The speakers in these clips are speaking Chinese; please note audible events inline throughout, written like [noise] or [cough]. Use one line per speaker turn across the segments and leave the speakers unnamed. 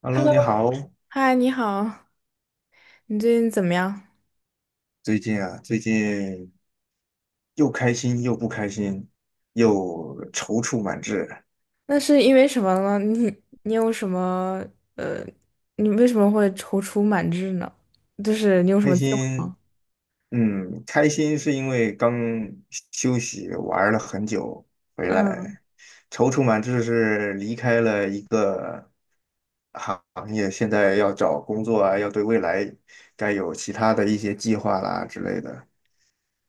Hello，
Hello，
你好。
嗨，你好，你最近怎么样？
最近又开心又不开心，又踌躇满志。
那是因为什么呢？你有什么呃，你为什么会踌躇满志呢？就是你有什
开
么计划
心，
吗？
开心是因为刚休息玩了很久回
嗯，
来，踌躇满志是离开了一个行业，现在要找工作啊，要对未来该有其他的一些计划啦之类的。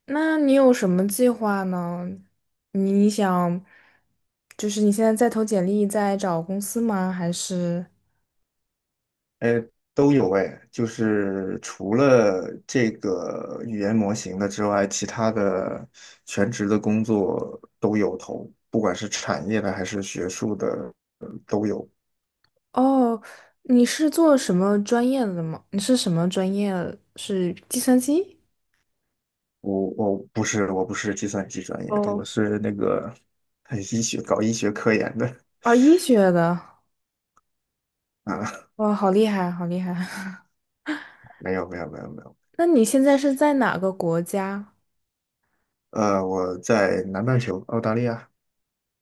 那你有什么计划呢？你想，就是你现在在投简历，在找公司吗？还是
都有哎，就是除了这个语言模型的之外，其他的全职的工作都有投，不管是产业的还是学术的都有。
哦，你是做什么专业的吗？你是什么专业？是计算机？
我不是计算机专业的，我
哦，
是那个 [laughs] 搞医学科研的
啊，医学的，
啊，
哇，好厉害，好厉害。
没有没有没有没有，
那你现在是在哪个国家？
我在南半球澳大利亚。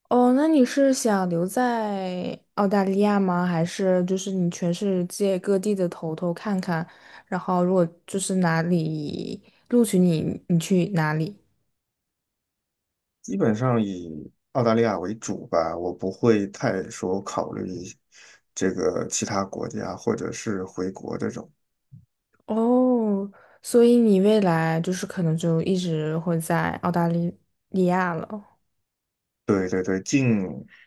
哦，那你是想留在澳大利亚吗？还是就是你全世界各地的头看看，然后如果就是哪里录取你，你去哪里？
基本上以澳大利亚为主吧，我不会太说考虑这个其他国家或者是回国这种。
哦，所以你未来就是可能就一直会在澳大利利亚了。
对对对，近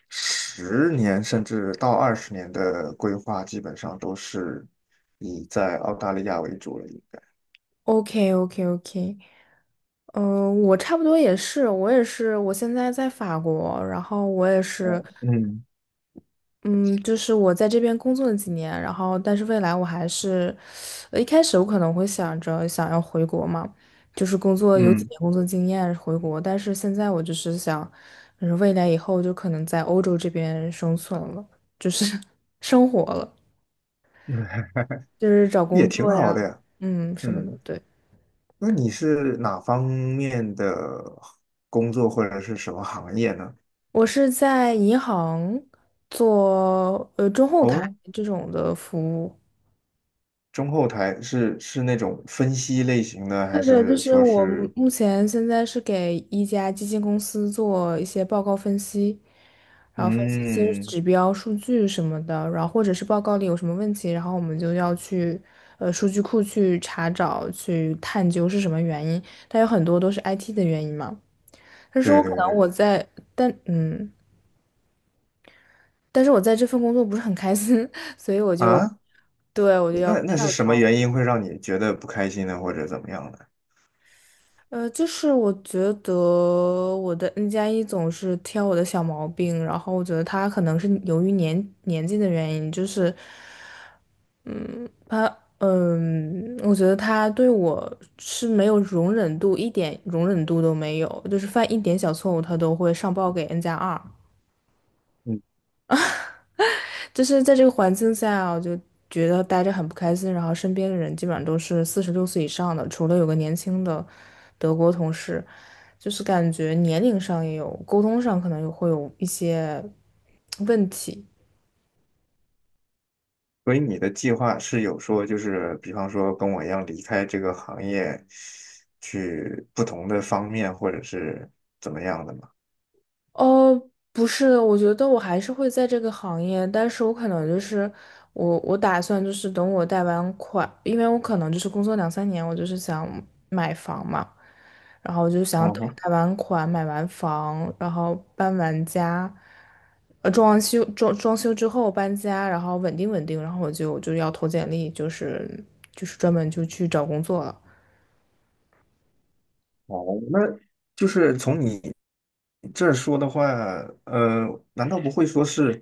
十年甚至到20年的规划，基本上都是以在澳大利亚为主了，应该。
o k o k o k 嗯，我差不多也是，我也是，我现在在法国，然后我也是，
哦，嗯
嗯，就是我在这边工作了几年，然后但是未来我还是，一开始我可能会想着想要回国嘛，就是工作有几
嗯，
年工作经验回国，但是现在我就是想，就是未来以后就可能在欧洲这边生存了，就是 [laughs] 生活了，
[laughs] 嗯
就是找
也
工
挺
作
好
呀，
的呀。
嗯，什么的。
嗯，
对，
那你是哪方面的工作或者是什么行业呢？
我是在银行做中后台
哦，
这种的服务。
中后台是那种分析类型的，还
对对，就
是
是
说
我目
是
目前现在是给一家基金公司做一些报告分析，然后分析一些
嗯，
指标、数据什么的，然后或者是报告里有什么问题，然后我们就要去数据库去查找、去探究是什么原因。但有很多都是 IT 的原因嘛。但是
对
我可
对
能
对
我在，但嗯，但是我在这份工作不是很开心，[laughs] 所以我就
啊？那是
跳
什么
槽。
原因会让你觉得不开心呢，或者怎么样的？
就是我觉得我的 N 加一总是挑我的小毛病，然后我觉得他可能是由于年纪的原因，就是，嗯，他，我觉得他对我是没有容忍度，一点容忍度都没有，就是犯一点小错误他都会上报给 N 加二。
嗯，
就是在这个环境下啊我就觉得待着很不开心。然后身边的人基本上都是46岁以上的，除了有个年轻的德国同事，就是感觉年龄上也有，沟通上可能也会有一些问题。
所以你的计划是有说，就是比方说跟我一样离开这个行业，去不同的方面，或者是怎么样的吗？
哦，不是的，我觉得我还是会在这个行业，但是我可能就是我打算就是等我贷完款，因为我可能就是工作两三年，我就是想买房嘛，然后我就想
嗯
等
哼。
贷完款、买完房，然后搬完家，装完修装修之后搬家，然后稳定稳定，然后我就要投简历，就是专门就去找工作了。
哦，那就是从你这儿说的话，呃，难道不会说是，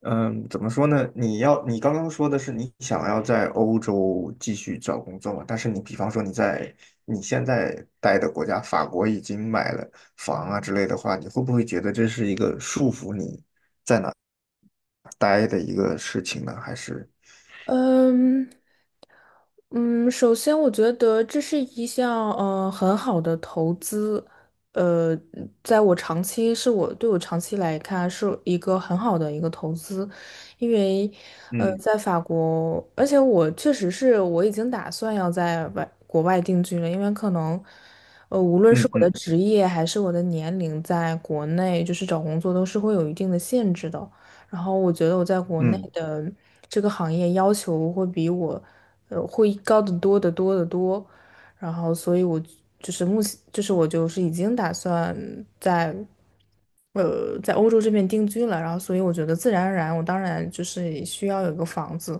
怎么说呢？你刚刚说的是你想要在欧洲继续找工作嘛？但是你比方说你现在待的国家法国已经买了房啊之类的话，你会不会觉得这是一个束缚你待的一个事情呢？还是
嗯，嗯，首先我觉得这是一项很好的投资，呃，在我长期是我对我长期来看是一个很好的一个投资，因为
嗯
在法国，而且我确实是我已经打算要在国外定居了，因为可能无论是
嗯
我的
嗯
职业还是我的年龄，在国内就是找工作都是会有一定的限制的。然后我觉得我在国内
嗯
的这个行业要求会比我，会高得多得多得多。然后，所以我就是目前，就是我就是已经打算在，在欧洲这边定居了。然后，所以我觉得自然而然，我当然就是需要有个房子，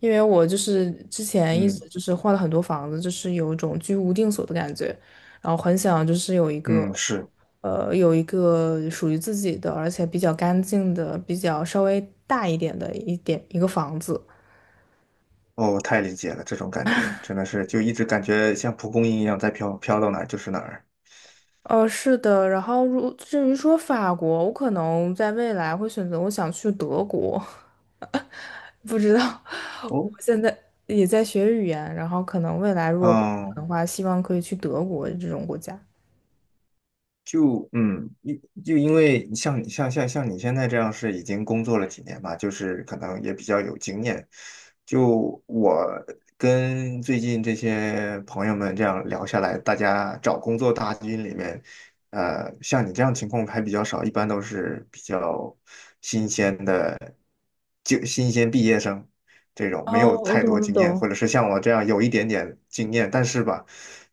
因为我就是之前一直
嗯
就是换了很多房子，就是有一种居无定所的感觉。然后很想就是有一个，
嗯，是。
呃，有一个属于自己的，而且比较干净的，比较稍微大一点的一个房子。
哦，我太理解了，这种感觉真的是就一直感觉像蒲公英一样在飘，飘到哪儿就是哪儿。
是的。然后至于说法国，我可能在未来会选择我想去德国，[laughs] 不知道。我
哦，
现在也在学语言，然后可能未来如果可
嗯，
能的话，希望可以去德国这种国家。
就嗯，因就因为像你现在这样是已经工作了几年嘛，就是可能也比较有经验。就我跟最近这些朋友们这样聊下来，大家找工作大军里面，像你这样情况还比较少，一般都是比较新鲜的，就新鲜毕业生。这种没
哦，
有
我
太
懂，
多
我
经验，或
懂。
者是像我这样有一点点经验，但是吧，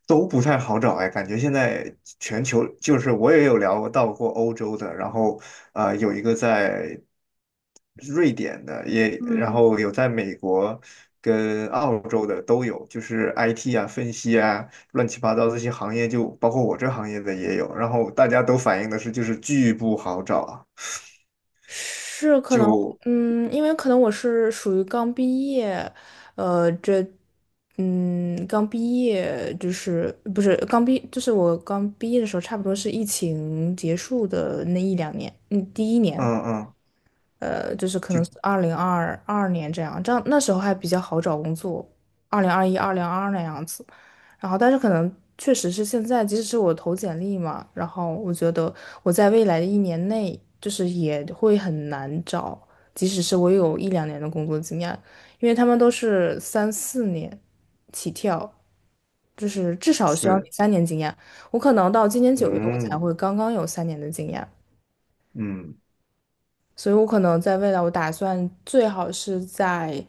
都不太好找哎。感觉现在全球就是我也有聊到过欧洲的，然后有一个在瑞典的，也然
嗯。
后有在美国跟澳洲的都有，就是 IT 啊、分析啊、乱七八糟这些行业就，包括我这行业的也有，然后大家都反映的是就是巨不好找啊。
是可能，
就
因为可能我是属于刚毕业，这，刚毕业就是不是刚毕，就是我刚毕业的时候，差不多是疫情结束的那一两年，第一
嗯
年。
嗯
就是可
就
能2022年这样那时候还比较好找工作，2021、二零二二那样子。然后，但是可能确实是现在，即使是我投简历嘛，然后我觉得我在未来的一年内，就是也会很难找，即使是我有一两年的工作经验，因为他们都是三四年起跳，就是至少需要你
是
3年经验。我可能到今年9月，我才
嗯
会刚刚有三年的经验，
嗯。
所以我可能在未来，我打算最好是在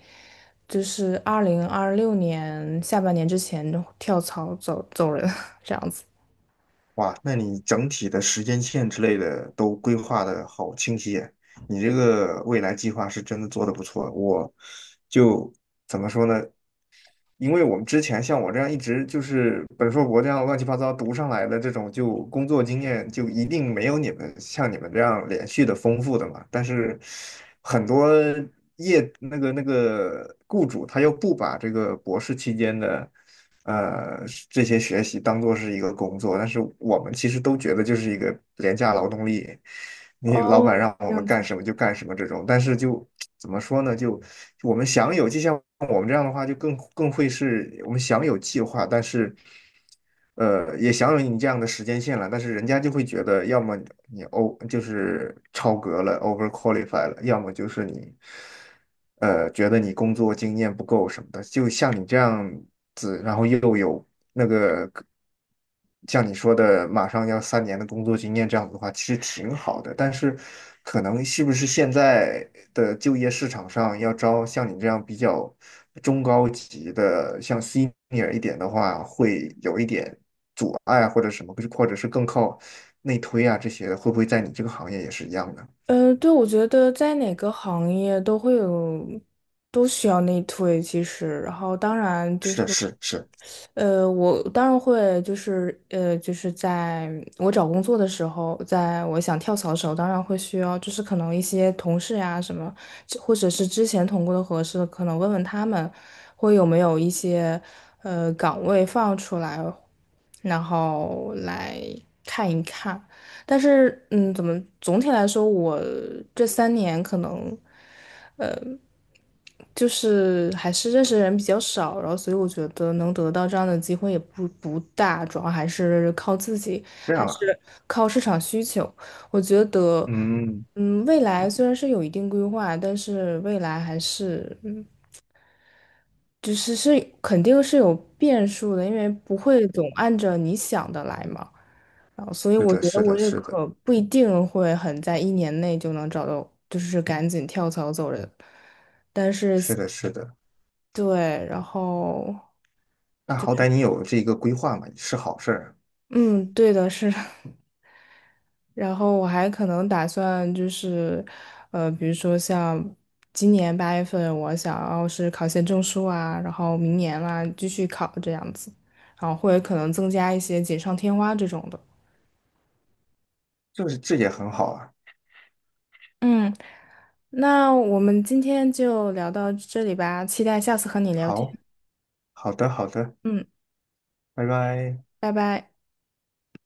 就是2026年下半年之前就跳槽走人 [laughs]，这样子。
哇，那你整体的时间线之类的都规划的好清晰耶。你这个未来计划是真的做的不错。我就怎么说呢？因为我们之前像我这样一直就是本硕博这样乱七八糟读上来的这种，就工作经验就一定没有像你们这样连续的丰富的嘛。但是很多那个雇主他又不把这个博士期间的。呃这些学习当做是一个工作，但是我们其实都觉得就是一个廉价劳动力，你老
哦，
板让我
这
们
样子。
干什么就干什么这种，但是就怎么说呢？就我们享有，就像我们这样的话，就更会是我们享有计划，但是。也享有你这样的时间线了，但是人家就会觉得，要么你 就是超格了，over qualify 了，要么就是你，觉得你工作经验不够什么的，就像你这样子，然后又有那个像你说的马上要3年的工作经验这样子的话，其实挺好的。但是，可能是不是现在的就业市场上要招像你这样比较中高级的，像 senior 一点的话，会有一点阻碍或者什么，或者是更靠内推啊这些的，会不会在你这个行业也是一样的？
嗯，对，我觉得在哪个行业都会有，都需要内推，其实。然后当然就是。
是是是，
我当然会，就是就是在我找工作的时候，在我想跳槽的时候，当然会需要，就是可能一些同事呀、什么，这或者是之前同过的合适，可能问问他们，会有没有一些岗位放出来，然后来看一看。但是，怎么总体来说，我这三年可能。就是还是认识的人比较少，然后所以我觉得能得到这样的机会也不大，主要还是靠自己，
这
还
样啊，
是靠市场需求。我觉得，
嗯，
未来虽然是有一定规划，但是未来还是，就是肯定是有变数的，因为不会总按着你想的来嘛。然后，所以
是
我
的，
觉得
是
我
的，
也
是的，
可不一定会很在一年内就能找到，就是赶紧跳槽走人。
是的，是的。
对，然后，
那好歹你有这一个规划嘛，是好事儿啊，
嗯，对的，是的，[laughs] 然后我还可能打算就是，比如说像今年8月份，我想要是考些证书啊，然后明年啦、继续考这样子，然后或者可能增加一些锦上添花这种的。
这也很好啊。
嗯，那我们今天就聊到这里吧，期待下次和你聊天。
好，好的，好的，
嗯，
拜拜。
拜拜。